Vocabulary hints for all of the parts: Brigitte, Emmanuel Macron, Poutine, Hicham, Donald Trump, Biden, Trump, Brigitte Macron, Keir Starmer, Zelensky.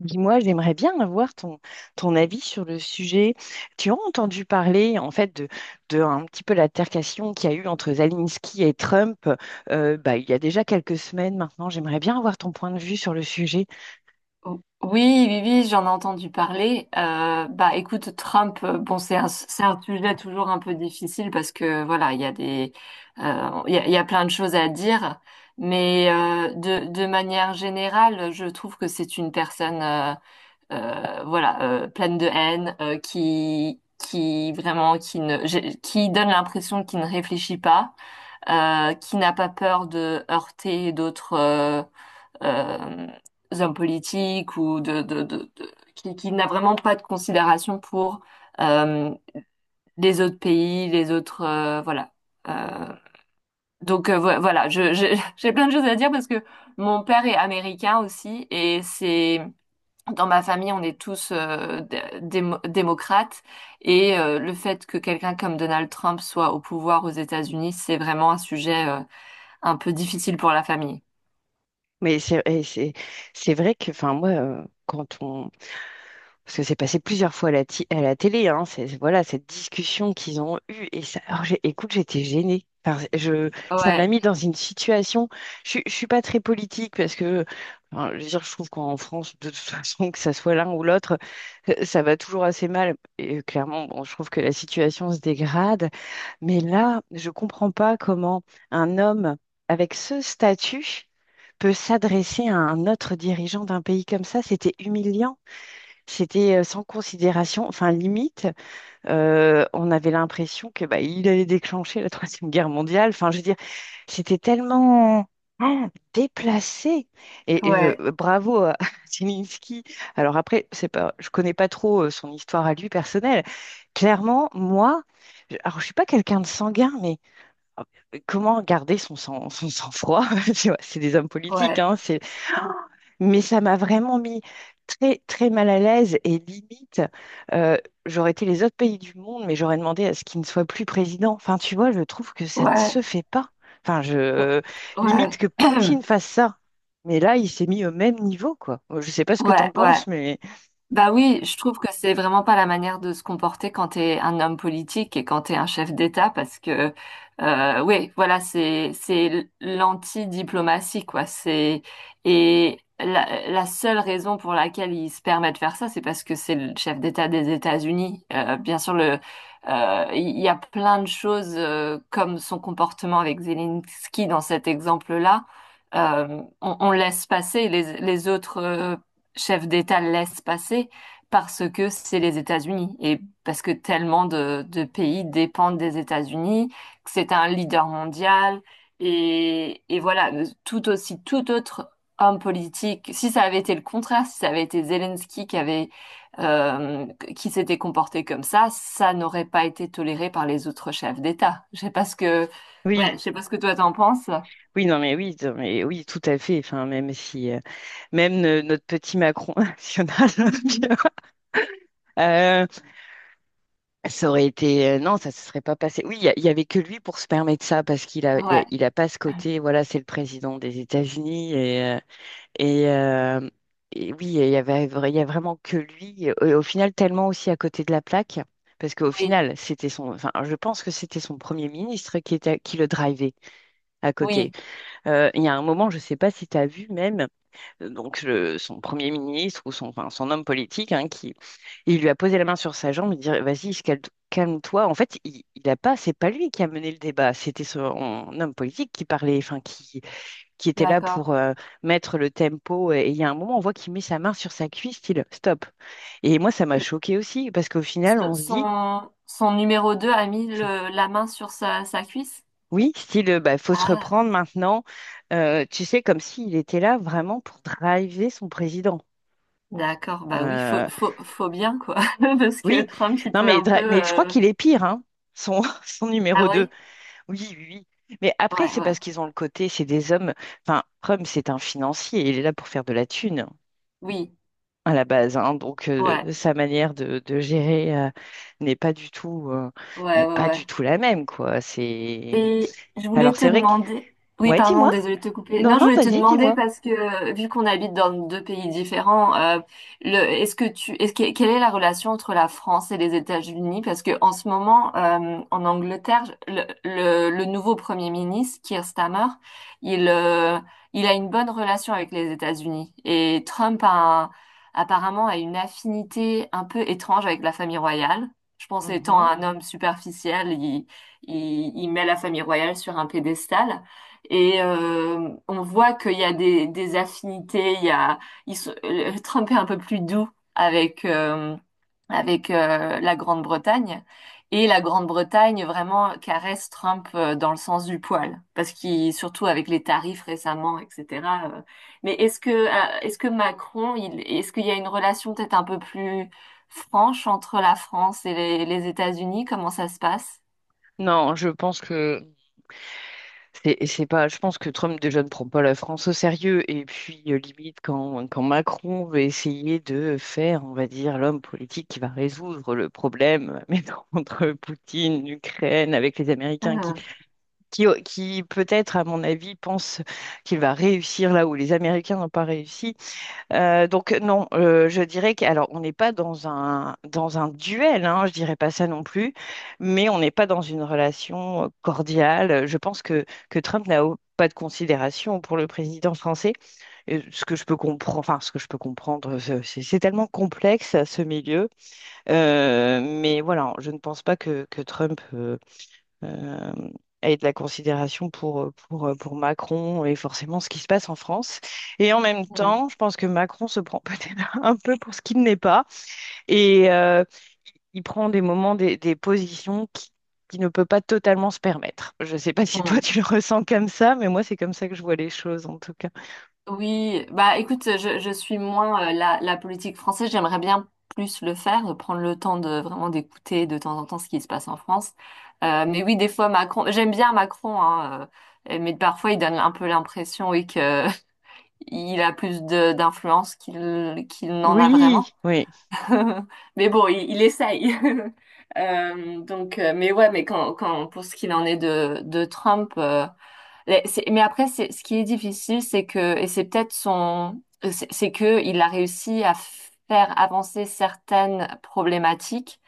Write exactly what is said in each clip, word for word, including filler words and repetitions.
Dis-moi, j'aimerais bien avoir ton, ton avis sur le sujet. Tu as entendu parler en fait de, de un petit peu l'altercation qu'il y a eu entre Zelensky et Trump euh, bah, il y a déjà quelques semaines maintenant. J'aimerais bien avoir ton point de vue sur le sujet. O- Oui, oui, oui, j'en ai entendu parler. Euh, bah, écoute, Trump, euh, bon, c'est un, c'est un sujet toujours un peu difficile parce que voilà, il y a des, euh, il y a, il y a plein de choses à dire, mais euh, de, de manière générale, je trouve que c'est une personne, euh, euh, voilà, euh, pleine de haine, euh, qui, qui vraiment, qui ne, j'ai- qui donne l'impression qu'il ne réfléchit pas, euh, qui n'a pas peur de heurter d'autres. euh, euh, hommes politiques ou de, de, de- de- qui, qui n'a vraiment pas de considération pour euh, les autres pays, les autres euh, voilà. Euh, donc euh, vo- voilà, je, je- j'ai plein de choses à dire parce que mon père est américain aussi et c'est dans ma famille on est tous euh, dé- démo- démocrates et euh, le fait que quelqu'un comme Donald Trump soit au pouvoir aux États-Unis, c'est vraiment un sujet euh, un peu difficile pour la famille. Mais c'est et c'est- c'est vrai que enfin moi, euh, quand on, parce que c'est passé plusieurs fois à la, ti- à la télé, hein, c'est, voilà, cette discussion qu'ils ont eue. Et ça, alors j'ai- écoute, j'étais gênée. Enfin, je, ça Ouais, m'a mis dans une situation. Je ne suis pas très politique parce que enfin, je veux dire, je trouve qu'en France, de toute façon, que ça soit l'un ou l'autre, euh, ça va toujours assez mal. Et euh, clairement, bon, je trouve que la situation se dégrade. Mais là, je ne comprends pas comment un homme avec ce statut peut s'adresser à un autre dirigeant d'un pays comme ça. C'était humiliant. C'était euh, sans considération, enfin limite, euh, on avait l'impression que bah, il allait déclencher la Troisième Guerre mondiale. Enfin, je veux dire, c'était tellement ah, déplacé. Et, et, euh, ouais, bravo à Zelensky. Alors après, c'est pas, je connais pas trop euh, son histoire à lui personnelle. Clairement, moi, je- alors je suis pas quelqu'un de sanguin, mais euh, comment garder son sang, son sang-froid? Tu vois, c'est des hommes politiques, ouais, hein, mais ça m'a vraiment mis très, très mal à l'aise et limite, euh, j'aurais été les autres pays du monde, mais j'aurais demandé à ce qu'il ne soit plus président. Enfin, tu vois, je trouve que ça ne ouais. se fait pas. Enfin, je limite Ouais, que Poutine fasse ça. Mais là, il s'est mis au même niveau, quoi. Bon, je ne sais pas ce que ouais, t'en ouais. penses, mais Bah oui, je trouve que c'est vraiment pas la manière de se comporter quand t'es un homme politique et quand t'es un chef d'État parce que euh, oui, voilà, c'est c'est l'anti-diplomatie quoi. C'est et la, la seule raison pour laquelle il se permet de faire ça, c'est parce que c'est le chef d'État des États-Unis. Euh, bien sûr, le euh, il y a plein de choses euh, comme son comportement avec Zelensky dans cet exemple-là. Euh, on, on laisse passer les, les autres euh, chef d'État laisse passer parce que c'est les États-Unis et parce que tellement de, de pays dépendent des États-Unis, que c'est un leader mondial et, et voilà, tout aussi tout autre homme politique, si ça avait été le contraire, si ça avait été Zelensky qui avait euh, qui s'était comporté comme ça, ça n'aurait pas été toléré par les autres chefs d'État. Je sais pas ce que ouais, oui, je sais pas ce que toi t'en penses. oui, non, mais oui, non, mais oui, tout à fait. Enfin, même si, euh, même euh, notre petit Macron national, tu vois. Euh, Ça aurait été... euh, non, ça se serait pas passé. Oui, il y, a- il y avait que lui pour se permettre ça, parce qu'il a, il a, Ouais, il a pas ce côté, voilà, c'est le président des États-Unis, et, euh, et, euh, et oui, il y avait, il y a vraiment que lui, et au final, tellement aussi à côté de la plaque, parce qu'au oui, final, c'était son... Enfin, je pense que c'était son premier ministre qui était, qui le drivait à côté. oui, Euh, il y a un moment, je sais pas si tu as vu même, euh, donc le- son premier ministre ou son, enfin, son homme politique, hein, qui il lui a posé la main sur sa jambe, il dit: Vas-y, calme- calme-toi. En fait, il, il a pas, c'est pas lui qui a mené le débat, c'était son homme politique qui parlait, enfin, qui, qui était là d'accord. pour euh, mettre le tempo. Et il y a un moment, on voit qu'il met sa main sur sa cuisse, style stop. Et moi, ça m'a choqué aussi, parce qu'au S- final, on se dit. Son, son numéro deux a mis Enfin, le- la main sur sa, sa cuisse? oui, style, bah, faut se Ah, reprendre maintenant. Euh, tu sais, comme s'il était là vraiment pour driver son président. d'accord, bah oui, Euh, faut, faut, faut bien, quoi. Parce que Oui, Trump, il non peut mais, un peu... Dra- mais je crois euh, qu'il est pire, hein, son, son numéro Ah deux. oui? Oui, oui, oui. Mais après, Ouais, c'est ouais. parce qu'ils ont le côté, c'est des hommes. Enfin, Rome, c'est un financier, il est là pour faire de la thune hein, Oui, à la base, hein. Donc euh, ouais, sa manière de, de gérer euh, n'est pas du tout, euh, n'est ouais, ouais, pas ouais. du tout la même, quoi. C'est Et je voulais Alors te c'est vrai que demander, oui, ouais, pardon, dis-moi. désolée de te couper. Non, Non, je non, voulais te vas-y, demander dis-moi. parce que euh, vu qu'on habite dans deux pays différents, euh, le, est-ce que tu, est-ce que, quelle est la relation entre la France et les États-Unis? Parce que en ce moment, euh, en Angleterre, le, le, le nouveau Premier ministre, Keir Starmer, il, euh, il a une bonne relation avec les États-Unis et Trump a un- apparemment a une affinité un peu étrange avec la famille royale. Je pense étant un homme superficiel, il, il met la famille royale sur un pédestal et euh, on voit qu'il y a des, des affinités. Il y a, ils sont- euh, Trump est un peu plus doux avec euh, avec euh, la Grande-Bretagne et la Grande-Bretagne vraiment caresse Trump euh, dans le sens du poil parce qu'il surtout avec les tarifs récemment, et cetera euh, mais est-ce que euh, est-ce que Macron, il, est-ce qu'il y a une relation peut-être un peu plus franche entre la France et les, les États-Unis? Comment ça se passe? Non, je pense que c'est c'est pas. Je pense que Trump déjà ne prend pas la France au sérieux. Et puis euh, limite quand quand Macron veut essayer de faire, on va dire, l'homme politique qui va résoudre le problème, mais non, entre Poutine, l'Ukraine, avec les Américains qui qui qui peut-être à mon avis pense qu'il va réussir là où les Américains n'ont pas réussi. Euh, donc non, euh, je dirais que alors on n'est pas dans un dans un duel, hein, je dirais pas ça non plus, mais on n'est pas dans une relation euh, cordiale. Je pense que que Trump n'a au- pas de considération pour le président français. Euh, ce que je peux comprendre, enfin ce que je peux comprendre, c'est c'est- c'est tellement complexe ce milieu. Euh, mais voilà, je ne pense pas que que Trump euh, euh, et de la considération pour, euh, pour, euh, pour Macron et forcément ce qui se passe en France. Et en même Mm. temps, je pense que Macron se prend peut-être un peu pour ce qu'il n'est pas et euh, il prend des moments, des, des positions qui, qui ne peut pas totalement se permettre. Je ne sais pas si toi Mm. tu le ressens comme ça, mais moi c'est comme ça que je vois les choses en tout cas. Oui, bah écoute, je, je suis moins euh, la, la politique française, j'aimerais bien plus le faire, euh, prendre le temps de vraiment d'écouter de temps en temps ce qui se passe en France. Euh, mais oui, des fois Macron, j'aime bien Macron, hein, euh, mais parfois il donne un peu l'impression, oui, que il a plus de d'influence qu'il qu'il n'en a vraiment. Oui, oui. Mais bon, il, il essaye. Euh, donc, euh, mais ouais, mais quand, quand pour ce qu'il en est de de Trump. euh, Mais c'est- mais après, c'est, ce qui est difficile, c'est que, et c'est peut-être son, c'est c'est que il a réussi à faire avancer certaines problématiques,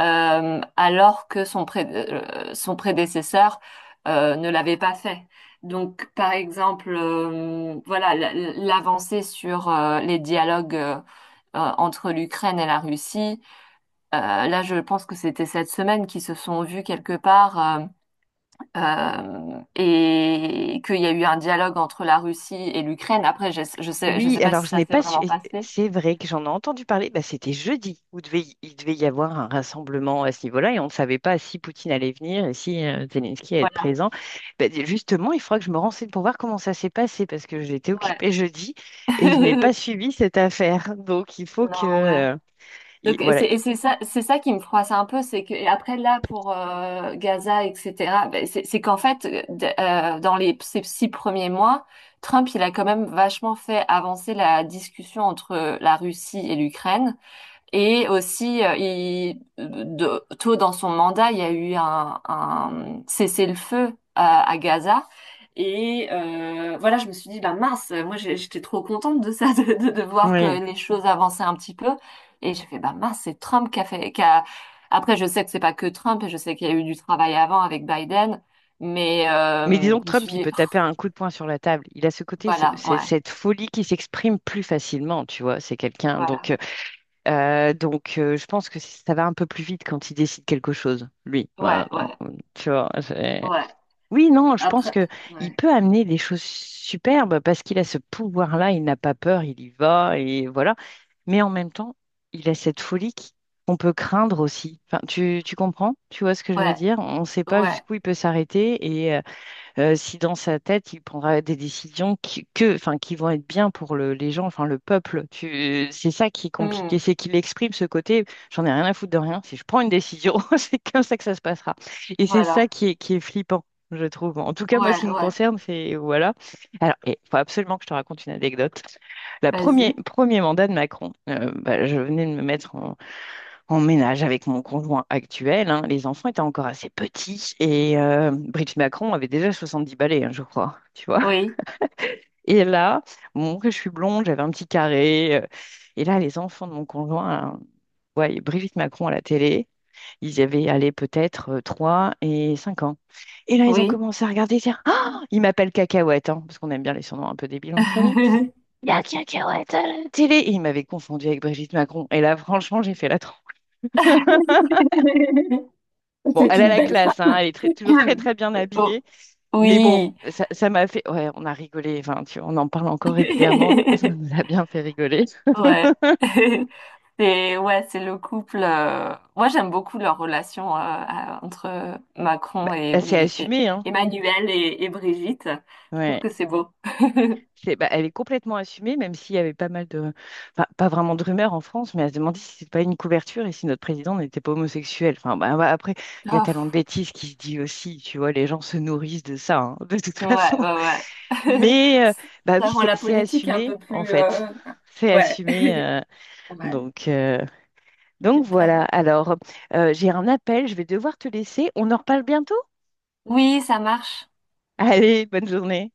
euh, alors que son, pré- euh, son prédécesseur, euh, ne l'avait pas fait. Donc, par exemple, euh, voilà, l- l- l'avancée sur euh, les dialogues euh, euh, entre l'Ukraine et la Russie. Euh, là, je pense que c'était cette semaine qu'ils se sont vus quelque part. Euh, euh, et qu'il y a eu un dialogue entre la Russie et l'Ukraine. Après, je, je sais, je Oui, sais pas si alors je ça n'ai s'est pas su. vraiment Et passé. c'est vrai que j'en ai entendu parler. Bah, c'était jeudi où devait y- il devait y avoir un rassemblement à ce niveau-là et on ne savait pas si Poutine allait venir et si euh, Zelensky allait être Voilà. présent. Bah, d- justement, il faudra que je me renseigne pour voir comment ça s'est passé parce que j'étais Ouais. occupée jeudi et je n'ai pas suivi cette affaire. Donc il faut que Non, ouais. euh, il- Donc, et voilà. c'est il- et c'est ça, c'est ça qui me froisse un peu, c'est que, et après, là, pour euh, Gaza, et cetera, ben, c'est c'est qu'en fait, euh, d- euh, dans les, ces six premiers mois, Trump, il a quand même vachement fait avancer la discussion entre la Russie et l'Ukraine. Et aussi, euh, il, de- tôt dans son mandat, il y a eu un, un cessez-le-feu à, à Gaza. Et euh, voilà, je me suis dit, bah mince, moi j'ai- j'étais trop contente de ça, de, de, de voir que Oui. les choses avançaient un petit peu. Et j'ai fait, bah mince, c'est Trump qui a fait, qui a- Après, je sais que c'est pas que Trump, et je sais qu'il y a eu du travail avant avec Biden, mais Mais euh, disons que je me Trump, suis il dit, peut Oh, taper un coup de poing sur la table. Il a ce côté, ce- voilà, ce- ouais, cette folie qui s'exprime plus facilement, tu vois. C'est quelqu'un. Donc voilà, euh, Euh, donc, euh, je pense que ça va un peu plus vite quand il décide quelque chose, lui. ouais, Voilà, non, ouais, tu vois, c'est- ouais. oui, non, je pense Après, que il ouais, peut amener des choses superbes parce qu'il a ce pouvoir-là, il n'a pas peur, il y va et voilà. Mais en même temps, il a cette folie qui- qu'on peut craindre aussi. Enfin, tu, tu comprends? Tu vois ce que je veux ouais, dire? On ne sait pas ouais. jusqu'où il peut s'arrêter euh, si dans sa tête, il prendra des décisions qui, que, enfin, qui vont être bien pour le- les gens, enfin, le peuple. Tu- C'est ça qui est compliqué, Hmm. c'est qu'il exprime ce côté, j'en ai rien à foutre de rien. Si je prends une décision, c'est comme ça que ça se passera. Et c'est Voilà. ça qui est, qui est flippant, je trouve. En tout cas, moi, ce qui Ouais, me ouais, concerne, c'est voilà. Alors, il faut absolument que je te raconte une anecdote. La premier, vas-y. premier mandat de Macron, euh, bah, je venais de me mettre en, en ménage avec mon conjoint actuel. Hein. Les enfants étaient encore assez petits et euh, Brigitte Macron avait déjà soixante-dix balais, hein, je crois, tu vois. Oui, Et là, bon, que je suis blonde, j'avais un petit carré. Euh, et là, les enfants de mon conjoint, hein, ouais, Brigitte Macron à la télé, ils avaient allé peut-être euh, trois et cinq ans. Et là, ils ont oui. commencé à regarder, dire, ah, ils m'appellent Cacahuète, hein, parce qu'on aime bien les surnoms un peu débiles dans la famille. Il y a Cacahuète à la télé. Et ils m'avaient confondu avec Brigitte Macron. Et là, franchement, j'ai fait la... Bon, C'est elle a une la belle classe, hein, elle est très- toujours très femme. très bien Oh, habillée, mais bon, oui. ça, ça m'a fait, ouais, on a rigolé, enfin, tu vois, on en parle encore régulièrement, ça nous a bien fait rigoler. Ouais. C'est ouais, c'est le couple. euh, Moi, j'aime beaucoup leur relation euh, à- entre Macron et, Elle s'est Brigi- et- assumée, hein, Emmanuel et, et Brigitte. Je trouve ouais, que c'est beau. c'est, bah, elle est complètement assumée, même s'il y avait pas mal de, enfin, pas vraiment de rumeurs en France, mais elle se demandait si c'était pas une couverture et si notre président n'était pas homosexuel. Enfin, bah, bah, après, il y a Ah, tellement de pff, bêtises qui se dit aussi, tu vois, les gens se nourrissent de ça, hein, de toute façon. ouais, ouais, ouais. Mais, euh, bah oui, Ça rend c'est la c'est politique un assumé, peu en plus. fait, euh, c'est Ouais, assumé. euh, ouais, donc, euh, Donc hyper. voilà, alors euh, j'ai un appel, je vais devoir te laisser. On en reparle bientôt? Oui, ça marche. Allez, bonne journée.